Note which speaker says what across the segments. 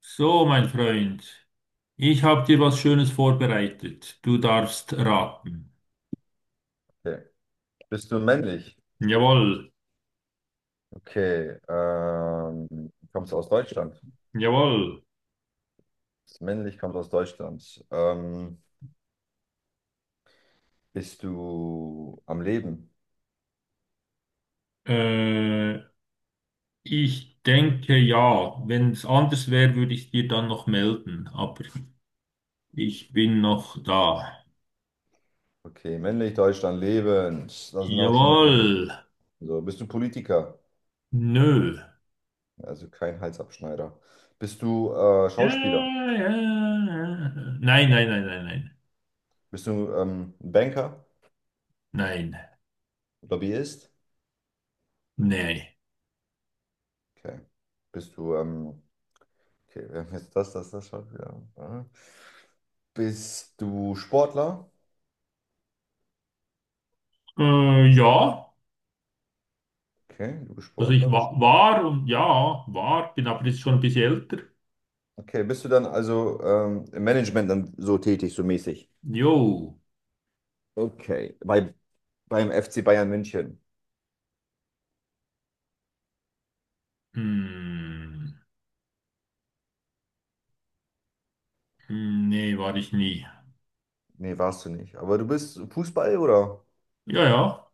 Speaker 1: So, mein Freund, ich habe dir was Schönes vorbereitet. Du darfst raten.
Speaker 2: Okay. Bist du männlich?
Speaker 1: Jawohl,
Speaker 2: Okay. Kommst du aus Deutschland?
Speaker 1: jawohl.
Speaker 2: Bist männlich, kommst aus Deutschland. Bist du am Leben?
Speaker 1: Äh, ich denke ja. Wenn es anders wäre, würde ich dir dann noch melden. Aber ich bin noch da.
Speaker 2: Okay, männlich, Deutschland, lebend. Das sind auch schon mehr.
Speaker 1: Jawohl.
Speaker 2: So, bist du Politiker?
Speaker 1: Nö.
Speaker 2: Also kein Halsabschneider. Bist du
Speaker 1: Ja,
Speaker 2: Schauspieler?
Speaker 1: ja, ja. Nein, nein, nein, nein, nein.
Speaker 2: Bist du Banker?
Speaker 1: Nein,
Speaker 2: Lobbyist?
Speaker 1: nein.
Speaker 2: Okay. Bist du, ähm, okay, wir haben jetzt das Schauspieler. Aha. Bist du Sportler?
Speaker 1: Ja.
Speaker 2: Okay, du bist
Speaker 1: Also ich
Speaker 2: Sportler. Du
Speaker 1: wa war und ja, war, bin aber jetzt schon ein bisschen älter.
Speaker 2: okay, bist du dann also im Management dann so tätig, so mäßig?
Speaker 1: Jo.
Speaker 2: Okay, beim FC Bayern München.
Speaker 1: Hm, nee, war ich nie.
Speaker 2: Nee, warst du nicht. Aber du bist Fußball, oder?
Speaker 1: Ja, ja,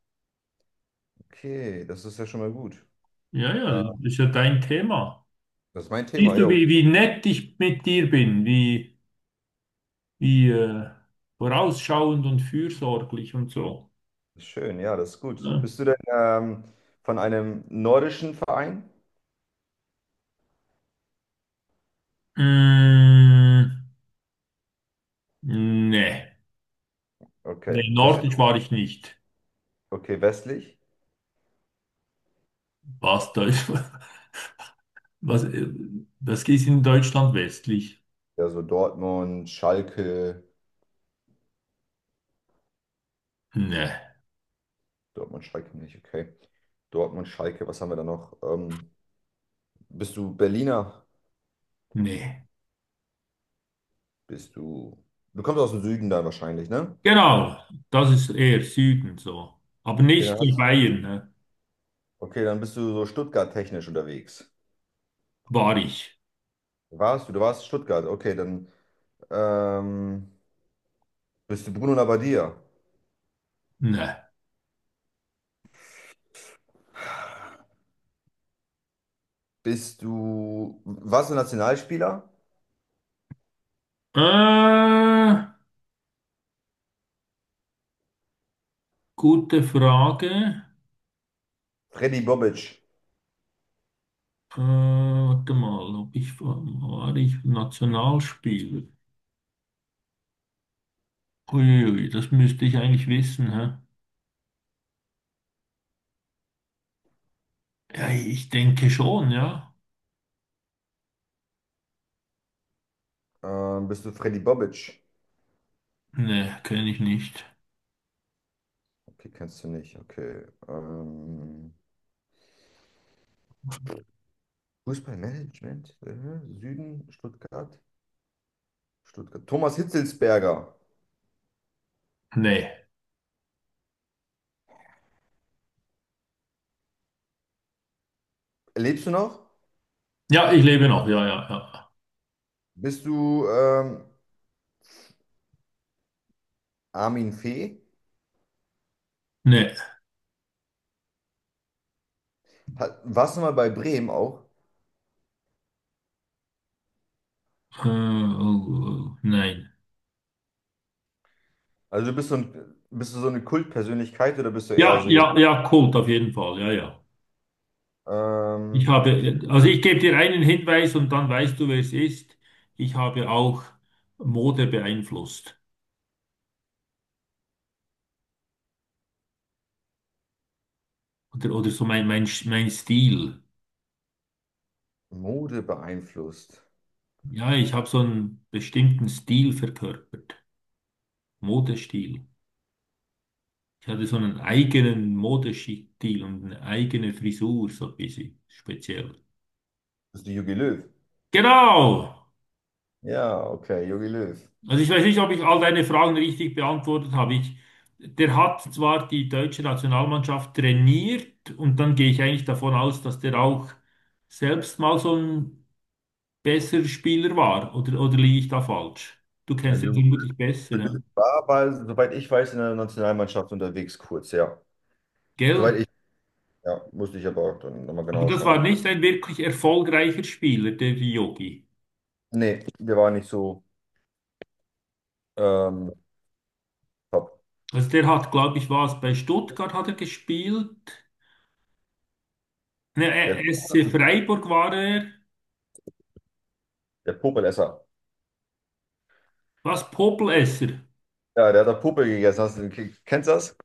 Speaker 2: Okay, das ist ja schon mal gut.
Speaker 1: ja, ja,
Speaker 2: Äh,
Speaker 1: das ist ja dein Thema.
Speaker 2: Das ist mein Thema,
Speaker 1: Siehst du,
Speaker 2: jo.
Speaker 1: wie nett ich mit dir bin, wie vorausschauend und fürsorglich und so.
Speaker 2: Schön, ja, das ist gut.
Speaker 1: Ne?
Speaker 2: Bist du denn von einem nordischen Verein?
Speaker 1: Hm, nee,
Speaker 2: Okay,
Speaker 1: nee,
Speaker 2: bist
Speaker 1: nordisch
Speaker 2: du,
Speaker 1: war ich nicht.
Speaker 2: okay, westlich?
Speaker 1: Was, Deutsch, was, was ist in Deutschland westlich?
Speaker 2: Ja, so Dortmund, Schalke.
Speaker 1: Nee,
Speaker 2: Dortmund, Schalke nicht, okay. Dortmund, Schalke, was haben wir da noch? Bist du Berliner?
Speaker 1: nee.
Speaker 2: Bist du. Du kommst aus dem Süden dann wahrscheinlich, ne?
Speaker 1: Genau, das ist eher Süden so. Aber
Speaker 2: Okay, dann
Speaker 1: nicht in
Speaker 2: hast,
Speaker 1: Bayern, ne?
Speaker 2: okay, dann bist du so Stuttgart-technisch unterwegs.
Speaker 1: War ich.
Speaker 2: Warst du? Du warst Stuttgart. Okay, dann ähm, bist du Bruno Labbadia.
Speaker 1: Nein.
Speaker 2: Bist du. Warst du Nationalspieler?
Speaker 1: Äh, gute Frage.
Speaker 2: Freddy Bobic.
Speaker 1: Warte mal, ob ich war ich Nationalspieler? Uiuiui, das müsste ich eigentlich wissen, hä? Ja, ich denke schon, ja.
Speaker 2: Bist du Freddy Bobic?
Speaker 1: Ne, kenne ich nicht.
Speaker 2: Okay, kennst du nicht. Okay. Fußballmanagement? Süden, Stuttgart. Stuttgart. Thomas Hitzelsberger.
Speaker 1: Nee.
Speaker 2: Lebst du noch?
Speaker 1: Ja, ich lebe noch, ja, ja, ja.
Speaker 2: Bist du Armin Fee?
Speaker 1: Nee.
Speaker 2: Warst du mal bei Bremen auch?
Speaker 1: Oh, oh, nein.
Speaker 2: Also bist du, ein, bist du so eine Kultpersönlichkeit oder bist du eher
Speaker 1: Ja,
Speaker 2: so jemand?
Speaker 1: ja, ja, Kult auf jeden Fall, ja, ja. Ich
Speaker 2: Okay.
Speaker 1: habe, also ich gebe dir einen Hinweis und dann weißt du, wer es ist. Ich habe auch Mode beeinflusst. Oder so mein Stil.
Speaker 2: Mode beeinflusst.
Speaker 1: Ja, ich habe so einen bestimmten Stil verkörpert. Modestil. Ich hatte so einen eigenen Modestil und eine eigene Frisur, so ein bisschen speziell.
Speaker 2: Bist du Jogi Löw?
Speaker 1: Genau!
Speaker 2: Ja, okay, Jogi Löw.
Speaker 1: Also ich weiß nicht, ob ich all deine Fragen richtig beantwortet habe. Der hat zwar die deutsche Nationalmannschaft trainiert und dann gehe ich eigentlich davon aus, dass der auch selbst mal so ein besserer Spieler war. Oder liege ich da falsch? Du
Speaker 2: Ja,
Speaker 1: kennst ihn
Speaker 2: Jogi
Speaker 1: vermutlich besser, ja?
Speaker 2: Löw war aber, soweit ich weiß, in der Nationalmannschaft unterwegs kurz, ja.
Speaker 1: Gell?
Speaker 2: Soweit ich, ja, musste ich aber dann nochmal
Speaker 1: Aber
Speaker 2: genau
Speaker 1: das
Speaker 2: schauen.
Speaker 1: war
Speaker 2: Aber
Speaker 1: nicht ein wirklich erfolgreicher Spieler, der Yogi.
Speaker 2: nee, der war nicht so ähm, top.
Speaker 1: Also der hat, glaube ich, was bei Stuttgart hat er gespielt. Ne,
Speaker 2: Der,
Speaker 1: SC Freiburg war er.
Speaker 2: der Popelesser.
Speaker 1: Was, Popelesser?
Speaker 2: Ja, der hat da Popel gegessen. Hast du, kennst du das?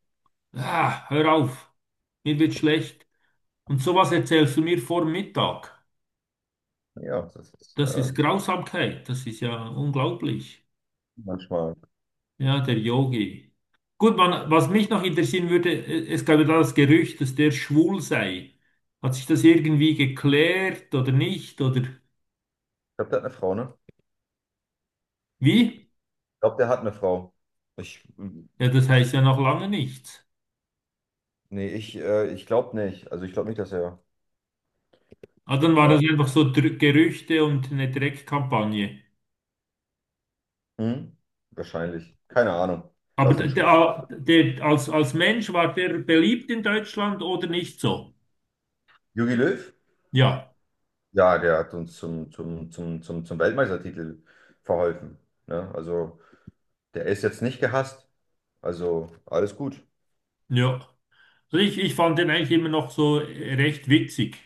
Speaker 1: Ah, hör auf, mir wird schlecht. Und sowas erzählst du mir vor Mittag.
Speaker 2: Ja, das ist
Speaker 1: Das ist Grausamkeit, das ist ja unglaublich.
Speaker 2: manchmal. Ich
Speaker 1: Ja, der Yogi. Gut, man, was mich noch interessieren würde, es gab ja da das Gerücht, dass der schwul sei. Hat sich das irgendwie geklärt oder nicht? Oder?
Speaker 2: glaube, der hat eine Frau, ne?
Speaker 1: Wie?
Speaker 2: Glaube, der hat eine Frau. Ich,
Speaker 1: Ja, das heißt ja noch lange nichts.
Speaker 2: nee, ich glaube nicht. Also ich glaube nicht, dass er.
Speaker 1: Ah, dann war
Speaker 2: Äh,
Speaker 1: das einfach so Dr Gerüchte und eine Dreckkampagne.
Speaker 2: hm? Wahrscheinlich. Keine Ahnung.
Speaker 1: Aber
Speaker 2: Lass
Speaker 1: d-
Speaker 2: den Schuh.
Speaker 1: der, der, als, als Mensch war der beliebt in Deutschland oder nicht so?
Speaker 2: Jogi Löw?
Speaker 1: Ja,
Speaker 2: Ja, der hat uns zum Weltmeistertitel verholfen. Ne? Also der ist jetzt nicht gehasst. Also alles gut.
Speaker 1: ja. Also ich fand den eigentlich immer noch so recht witzig.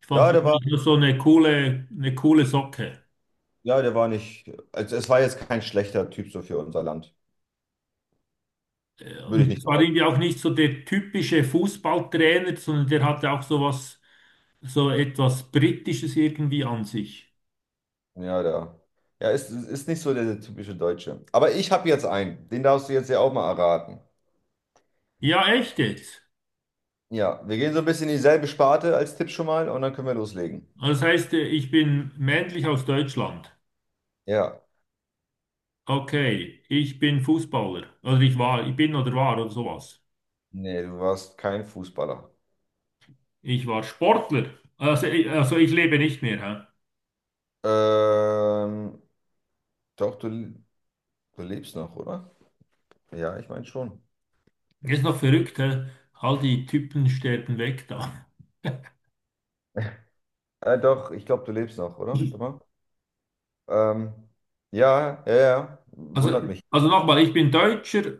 Speaker 1: Ich fand es
Speaker 2: Ja, der war,
Speaker 1: eigentlich nur so eine coole Socke.
Speaker 2: ja, der war nicht. Also es war jetzt kein schlechter Typ so für unser Land. Würde
Speaker 1: Und
Speaker 2: ich nicht
Speaker 1: es war
Speaker 2: behaupten.
Speaker 1: irgendwie auch nicht so der typische Fußballtrainer, sondern der hatte auch so was, so etwas Britisches irgendwie an sich.
Speaker 2: Ja, der. Ja, ist nicht so der typische Deutsche. Aber ich habe jetzt einen. Den darfst du jetzt ja auch mal erraten.
Speaker 1: Ja, echt jetzt.
Speaker 2: Ja, wir gehen so ein bisschen in dieselbe Sparte als Tipp schon mal und dann können wir loslegen.
Speaker 1: Das heißt, ich bin männlich aus Deutschland.
Speaker 2: Ja,
Speaker 1: Okay, ich bin Fußballer. Also ich war, ich bin oder war oder sowas.
Speaker 2: nee, du warst kein Fußballer.
Speaker 1: Ich war Sportler. Also, also ich lebe nicht mehr.
Speaker 2: Ähm, doch, du lebst noch, oder? Ja, ich meine schon.
Speaker 1: Hä? Ist noch verrückt, hä? All die Typen sterben weg da.
Speaker 2: Doch, ich glaube, du lebst noch, oder? Warte mal. Ähm, ja, ja, ja,
Speaker 1: Also,
Speaker 2: wundert mich.
Speaker 1: also nochmal, ich bin Deutscher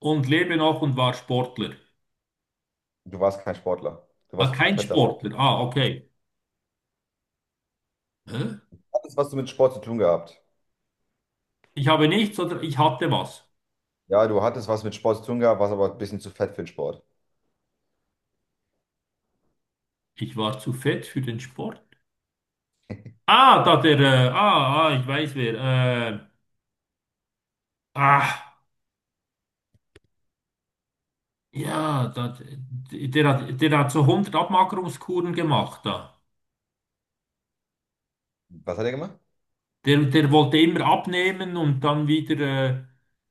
Speaker 1: und lebe noch und war Sportler.
Speaker 2: Du warst kein Sportler. Du
Speaker 1: Ah,
Speaker 2: warst zu
Speaker 1: kein
Speaker 2: fett dafür.
Speaker 1: Sportler. Ah, okay. Hä?
Speaker 2: Du hattest was mit Sport zu tun gehabt.
Speaker 1: Ich habe nichts oder ich hatte was.
Speaker 2: Ja, du hattest was mit Sport zu tun gehabt, warst aber ein bisschen zu fett für den Sport.
Speaker 1: Ich war zu fett für den Sport. Ah, ich weiß wer. Äh, ah. Ja, da, der hat so hundert Abmagerungskuren gemacht da.
Speaker 2: Was hat er gemacht?
Speaker 1: Der wollte immer abnehmen und dann wieder äh,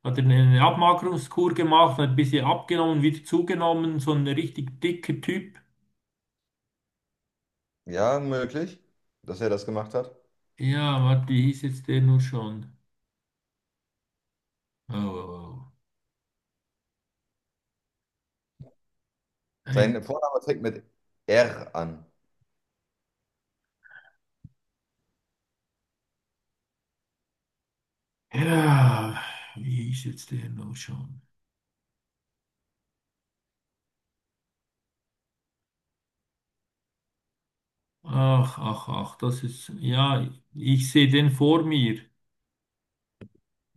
Speaker 1: hat er eine Abmagerungskur gemacht, hat ein bisschen abgenommen, wieder zugenommen, so ein richtig dicker Typ.
Speaker 2: Ja, möglich, dass er das gemacht hat.
Speaker 1: Ja, warte, wie hieß jetzt der nur schon? Oh, oh, oh. Ein,
Speaker 2: Sein Vorname fängt mit R an.
Speaker 1: ja, wie hieß jetzt der nur schon? Ach, ach, ach, das ist, ja, ich sehe den vor mir.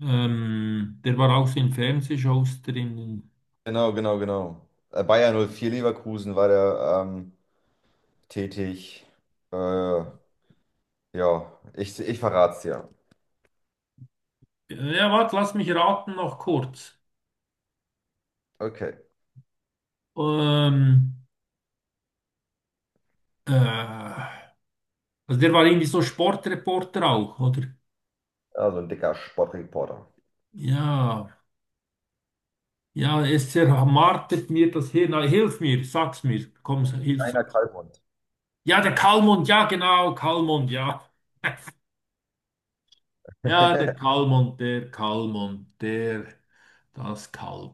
Speaker 1: Der war auch so in Fernsehshows drin.
Speaker 2: Genau, genau, genau. Bayer 04 Leverkusen war der tätig. Äh, ja, ich verrat's dir.
Speaker 1: Ja, warte, lass mich raten noch kurz.
Speaker 2: Okay.
Speaker 1: Ähm, äh, also der war irgendwie so Sportreporter auch, oder?
Speaker 2: Also ein dicker Sportreporter.
Speaker 1: Ja, ja, es zermartert mir das Hirn. Ah, hilf mir, sag's mir. Komm, hilf,
Speaker 2: Einer
Speaker 1: sag's.
Speaker 2: Kalbhund.
Speaker 1: Ja, der Kalmund, ja, genau, Kalmund, ja. Ja, der Kalmund, der Kalmund, der, das Kalb.